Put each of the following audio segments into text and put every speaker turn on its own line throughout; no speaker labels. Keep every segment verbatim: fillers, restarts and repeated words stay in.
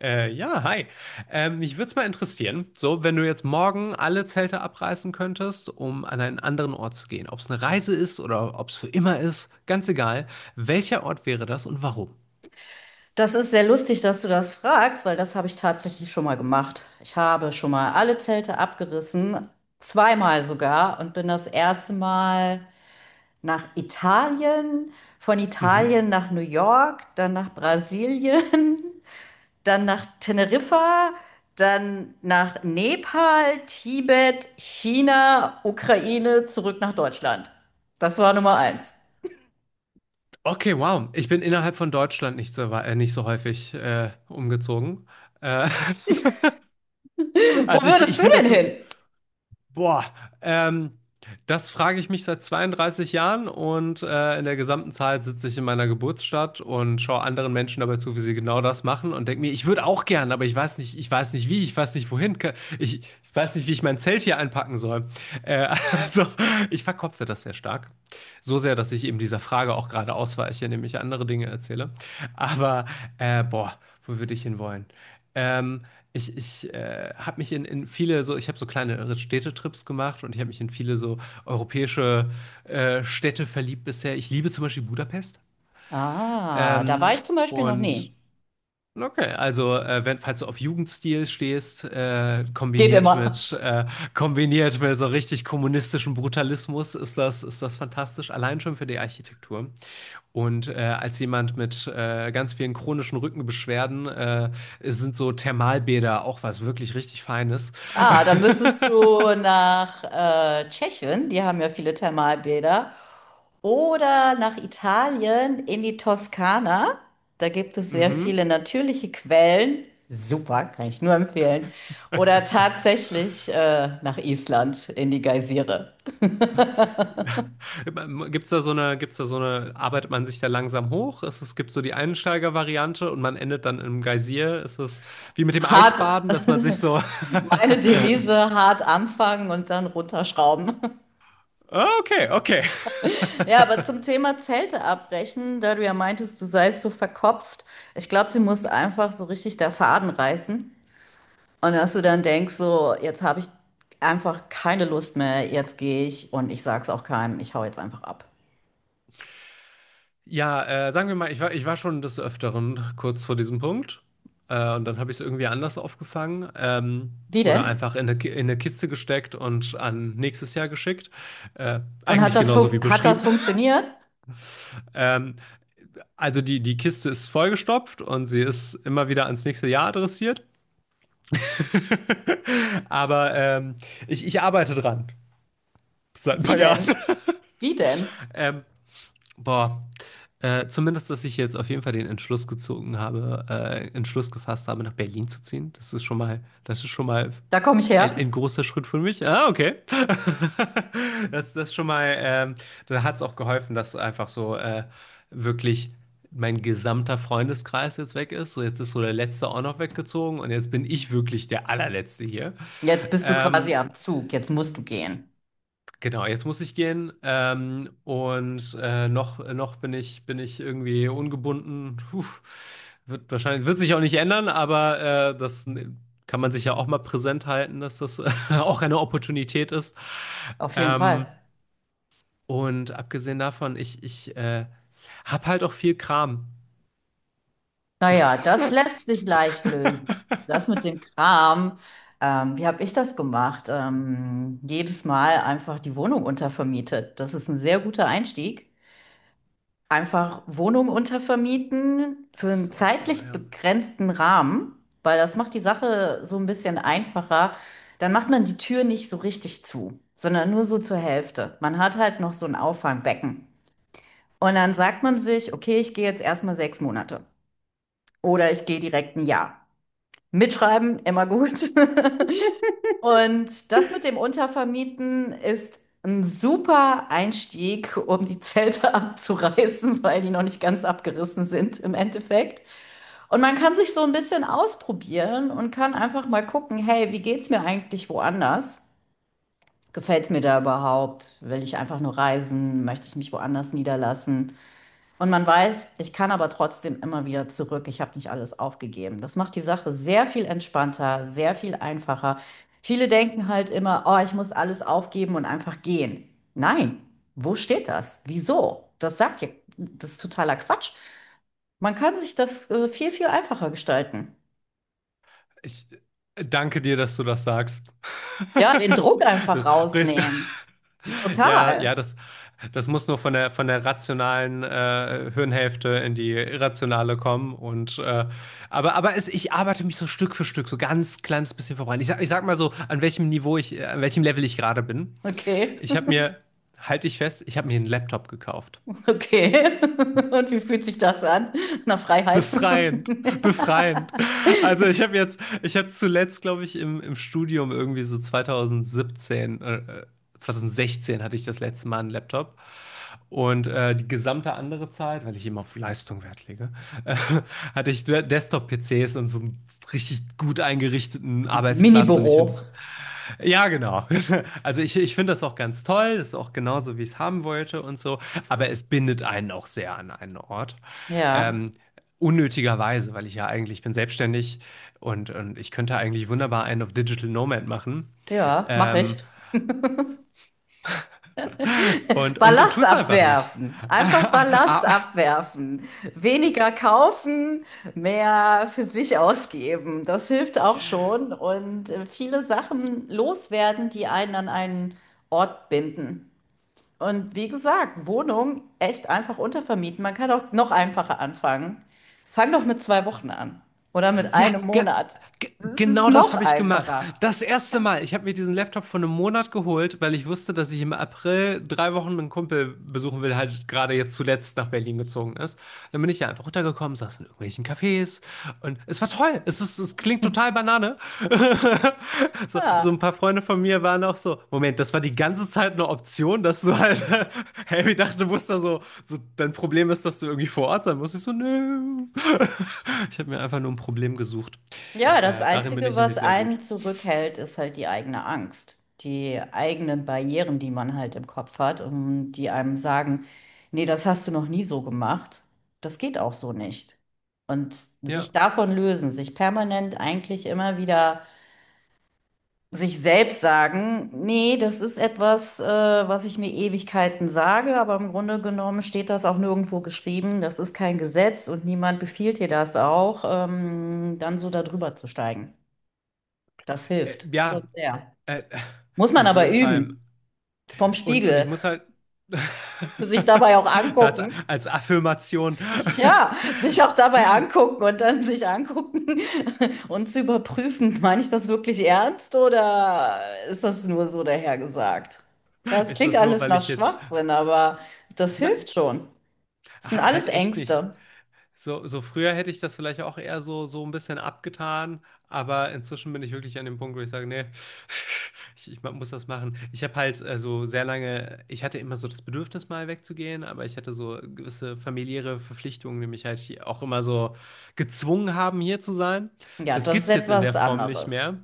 Äh, ja, Hi. Ähm, mich würde es mal interessieren, so, wenn du jetzt morgen alle Zelte abreißen könntest, um an einen anderen Ort zu gehen. Ob es eine Reise ist oder ob es für immer ist, ganz egal. Welcher Ort wäre das und warum?
Das ist sehr lustig, dass du das fragst, weil das habe ich tatsächlich schon mal gemacht. Ich habe schon mal alle Zelte abgerissen, zweimal sogar, und bin das erste Mal nach Italien, von
Mhm.
Italien nach New York, dann nach Brasilien, dann nach Teneriffa, dann nach Nepal, Tibet, China, Ukraine, zurück nach Deutschland. Das war Nummer eins.
Okay, wow. Ich bin innerhalb von Deutschland nicht so, wa- äh, nicht so häufig äh, umgezogen. Äh,
Wo
also ich,
würdest
ich
du
finde
denn
das,
hin?
boah, ähm, das frage ich mich seit zweiunddreißig Jahren und äh, in der gesamten Zeit sitze ich in meiner Geburtsstadt und schaue anderen Menschen dabei zu, wie sie genau das machen und denke mir, ich würde auch gern, aber ich weiß nicht, ich weiß nicht wie, ich weiß nicht wohin, ke- ich, ich weiß nicht, wie ich mein Zelt hier einpacken soll. Äh, also, ich verkopfe das sehr stark. So sehr, dass ich eben dieser Frage auch gerade ausweiche, indem ich andere Dinge erzähle. Aber, äh, boah, wo würde ich hin wollen? Ähm, ich, ich äh, habe mich in, in viele so, ich habe so kleine Städtetrips gemacht und ich habe mich in viele so europäische äh, Städte verliebt bisher. Ich liebe zum Beispiel Budapest.
Ah, da war
Ähm,
ich zum Beispiel noch
und
nie.
okay, also äh, wenn, falls du auf Jugendstil stehst, äh,
Geht
kombiniert
immer.
mit äh, kombiniert mit so richtig kommunistischem Brutalismus, ist das ist das fantastisch. Allein schon für die Architektur. Und äh, als jemand mit äh, ganz vielen chronischen Rückenbeschwerden äh, sind so Thermalbäder auch was wirklich richtig Feines.
Ah, dann müsstest du nach äh, Tschechien, die haben ja viele Thermalbäder, oder nach Italien in die Toskana. Da gibt es sehr
Mhm.
viele natürliche Quellen. Super, kann ich nur empfehlen. Oder tatsächlich äh, nach Island in die Geysire.
Gibt's da so eine, gibt's da so eine, arbeitet man sich da langsam hoch? Es, es gibt so die Einsteiger-Variante und man endet dann im Geysir. Es ist wie mit dem
Hart,
Eisbaden, dass man sich so.
meine Devise, hart anfangen und dann runterschrauben.
Okay, okay.
Ja, aber zum Thema Zelte abbrechen, da du ja meintest, du seist so verkopft, ich glaube, dir muss einfach so richtig der Faden reißen. Und dass du dann denkst, so, jetzt habe ich einfach keine Lust mehr, jetzt gehe ich und ich sag's auch keinem, ich hau jetzt einfach ab.
Ja, äh, sagen wir mal, ich war, ich war schon des Öfteren kurz vor diesem Punkt. Äh, und dann habe ich es irgendwie anders aufgefangen. Ähm,
Wie
oder
denn?
einfach in eine, Ki- in eine Kiste gesteckt und an nächstes Jahr geschickt. Äh,
Und hat
Eigentlich
das
genauso wie
fun hat das
beschrieben.
funktioniert?
Ähm, also die, die Kiste ist vollgestopft und sie ist immer wieder ans nächste Jahr adressiert. Aber ähm, ich, ich arbeite dran. Seit ein
Wie
paar Jahren.
denn? Wie denn?
Ähm, Boah, äh, Zumindest, dass ich jetzt auf jeden Fall den Entschluss gezogen habe, äh, Entschluss gefasst habe, nach Berlin zu ziehen. Das ist schon mal, das ist schon mal
Da komme ich
ein,
her.
ein großer Schritt für mich. Ah, okay. Das, das ist schon mal, ähm, da hat es auch geholfen, dass einfach so äh, wirklich mein gesamter Freundeskreis jetzt weg ist. So, jetzt ist so der Letzte auch noch weggezogen und jetzt bin ich wirklich der Allerletzte hier.
Jetzt bist du quasi
Ähm,
am Zug, jetzt musst du gehen.
Genau, jetzt muss ich gehen. Ähm, und äh, noch, noch bin ich, bin ich irgendwie ungebunden. Puh, wird wahrscheinlich, wird sich auch nicht ändern, aber äh, das kann man sich ja auch mal präsent halten, dass das auch eine Opportunität ist.
Auf jeden
Ähm,
Fall.
und Abgesehen davon, ich, ich äh, hab halt auch viel Kram.
Naja, das lässt sich leicht lösen. Das mit dem Kram, ähm, wie habe ich das gemacht? Ähm, jedes Mal einfach die Wohnung untervermietet. Das ist ein sehr guter Einstieg. Einfach Wohnung untervermieten für
Das ist
einen
auch clever,
zeitlich
ja.
begrenzten Rahmen, weil das macht die Sache so ein bisschen einfacher. Dann macht man die Tür nicht so richtig zu, sondern nur so zur Hälfte. Man hat halt noch so ein Auffangbecken. Und dann sagt man sich, okay, ich gehe jetzt erstmal sechs Monate oder ich gehe direkt ein Jahr. Mitschreiben, immer gut. Und das mit dem Untervermieten ist ein super Einstieg, um die Zelte abzureißen, weil die noch nicht ganz abgerissen sind im Endeffekt. Und man kann sich so ein bisschen ausprobieren und kann einfach mal gucken, hey, wie geht's mir eigentlich woanders? Gefällt's mir da überhaupt? Will ich einfach nur reisen? Möchte ich mich woanders niederlassen? Und man weiß, ich kann aber trotzdem immer wieder zurück. Ich habe nicht alles aufgegeben. Das macht die Sache sehr viel entspannter, sehr viel einfacher. Viele denken halt immer, oh, ich muss alles aufgeben und einfach gehen. Nein, wo steht das? Wieso? Das sagt ja, das ist totaler Quatsch. Man kann sich das äh, viel, viel einfacher gestalten.
Ich äh, danke dir, dass du das sagst.
Ja, den Druck einfach
Du sprichst gar-
rausnehmen.
Ja,
Total.
ja, das, das muss nur von der, von der rationalen äh, Hirnhälfte in die irrationale kommen. Und, äh, aber aber es, ich arbeite mich so Stück für Stück, so ganz kleines bisschen voran. Ich sag, ich sag mal so, an welchem Niveau ich, äh, an welchem Level ich gerade bin.
Okay.
Ich habe mir, halte ich fest, ich habe mir einen Laptop gekauft.
Okay. Und wie fühlt sich das an? Nach Freiheit.
Befreiend, befreiend. Also ich habe jetzt, ich habe zuletzt, glaube ich, im, im Studium irgendwie so zwanzig siebzehn, äh, äh, zwanzig sechzehn hatte ich das letzte Mal einen Laptop. Und äh, die gesamte andere Zeit, weil ich immer auf Leistung Wert lege, äh, hatte ich De- Desktop-P C s und so einen richtig gut eingerichteten Arbeitsplatz. Und ich finde,
Mini-Büro.
das ja, genau. Also ich, ich finde das auch ganz toll. Das ist auch genauso, wie ich es haben wollte und so. Aber es bindet einen auch sehr an einen Ort.
Ja,
Ähm, Unnötigerweise, weil ich ja eigentlich ich bin selbstständig und, und ich könnte eigentlich wunderbar einen auf Digital Nomad machen.
ja, mache ich.
Ähm, und, und tu
Ballast
es einfach nicht.
abwerfen.
Ah,
Einfach
ah,
Ballast
ah,
abwerfen. Weniger kaufen, mehr für sich ausgeben. Das hilft auch schon. Und äh, viele Sachen loswerden, die einen an einen Ort binden. Und wie gesagt, Wohnung echt einfach untervermieten. Man kann auch noch einfacher anfangen. Fang doch mit zwei Wochen an. Oder mit
ja,
einem
ge-
Monat.
G
Das ist
genau das
noch
habe ich gemacht.
einfacher.
Das erste Mal. Ich habe mir diesen Laptop vor einem Monat geholt, weil ich wusste, dass ich im April drei Wochen einen Kumpel besuchen will, der halt gerade jetzt zuletzt nach Berlin gezogen ist. Dann bin ich ja einfach runtergekommen, saß in irgendwelchen Cafés und es war toll. Es ist, es klingt total Banane. So, so ein
Ja.
paar Freunde von mir waren auch so, Moment, das war die ganze Zeit eine Option, dass du halt, hey, ich dachte, du musst da so, so, dein Problem ist, dass du irgendwie vor Ort sein musst. Ich so, nö. Ich habe mir einfach nur ein Problem gesucht.
Ja, das
Äh, darin bin
Einzige,
ich
was
nämlich sehr
einen
gut.
zurückhält, ist halt die eigene Angst, die eigenen Barrieren, die man halt im Kopf hat und die einem sagen, nee, das hast du noch nie so gemacht, das geht auch so nicht. Und sich
Ja,
davon lösen, sich permanent eigentlich immer wieder sich selbst sagen, nee, das ist etwas, äh, was ich mir Ewigkeiten sage, aber im Grunde genommen steht das auch nirgendwo geschrieben, das ist kein Gesetz und niemand befiehlt dir das auch, ähm, dann so darüber zu steigen. Das
äh,
hilft schon
ja,
sehr.
äh,
Muss man
auf
aber
jeden Fall.
üben. Vom
Und, und ich
Spiegel.
muss halt
Sich dabei auch
so als,
angucken.
als Affirmation.
Ja, sich auch dabei angucken und dann sich angucken und zu überprüfen, meine ich das wirklich ernst oder ist das nur so dahergesagt? Ja, es
Ist
klingt
das nur,
alles
weil
nach
ich jetzt
Schwachsinn, aber das
na,
hilft schon. Das sind
halt
alles
echt nicht.
Ängste.
So, so früher hätte ich das vielleicht auch eher so, so ein bisschen abgetan, aber inzwischen bin ich wirklich an dem Punkt, wo ich sage, nee, ich, ich muss das machen. Ich habe halt äh, so sehr lange, ich hatte immer so das Bedürfnis, mal wegzugehen, aber ich hatte so gewisse familiäre Verpflichtungen, die mich halt hier auch immer so gezwungen haben, hier zu sein.
Ja,
Das
das ist
gibt's jetzt in der
etwas
Form nicht
anderes.
mehr.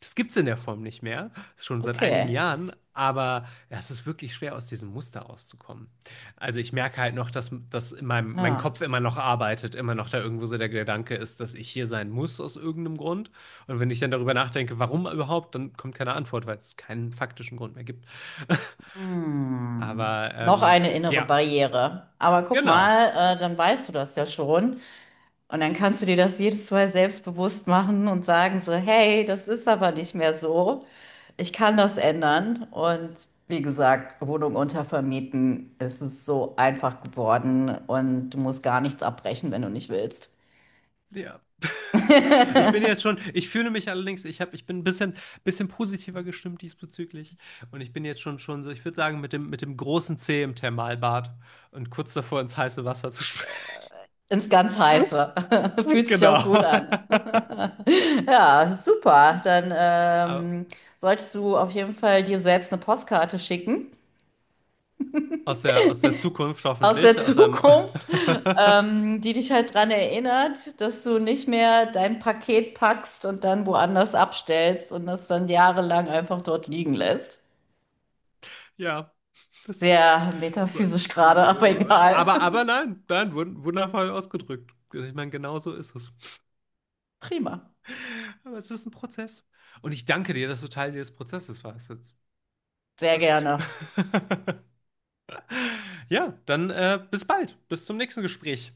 Das gibt es in der Form nicht mehr, schon seit einigen
Okay.
Jahren, aber ja, es ist wirklich schwer, aus diesem Muster auszukommen. Also ich merke halt noch, dass, dass in meinem, mein
Ja.
Kopf immer noch arbeitet, immer noch da irgendwo so der Gedanke ist, dass ich hier sein muss aus irgendeinem Grund. Und wenn ich dann darüber nachdenke, warum überhaupt, dann kommt keine Antwort, weil es keinen faktischen Grund mehr gibt.
Hm.
Aber
Noch
ähm,
eine innere
ja,
Barriere. Aber guck
genau.
mal, äh, dann weißt du das ja schon. Und dann kannst du dir das jedes Mal selbstbewusst machen und sagen so, hey, das ist aber nicht mehr so. Ich kann das ändern. Und wie gesagt, Wohnung untervermieten, es ist so einfach geworden und du musst gar nichts abbrechen, wenn du nicht willst.
Ja. Ich bin jetzt schon, ich fühle mich allerdings, ich hab, ich bin ein bisschen, bisschen positiver gestimmt diesbezüglich. Und ich bin jetzt schon, schon so, ich würde sagen, mit dem, mit dem großen C im Thermalbad und kurz davor ins heiße Wasser zu springen.
Ins ganz Heiße. Fühlt sich
Genau.
auch gut an. Ja, super. Dann
Aber
ähm, solltest du auf jeden Fall dir selbst eine Postkarte schicken
aus der, aus der Zukunft
aus der
hoffentlich, aus einem.
Zukunft, ähm, die dich halt dran erinnert, dass du nicht mehr dein Paket packst und dann woanders abstellst und das dann jahrelang einfach dort liegen lässt.
Ja. Das,
Sehr metaphysisch gerade, aber egal.
aber, aber nein, nein, wund- wundervoll ausgedrückt. Ich meine, genau so ist es.
Prima.
Aber es ist ein Prozess. Und ich danke dir, dass du Teil dieses Prozesses warst.
Sehr
Wirklich.
gerne.
Ja, dann äh, bis bald. Bis zum nächsten Gespräch.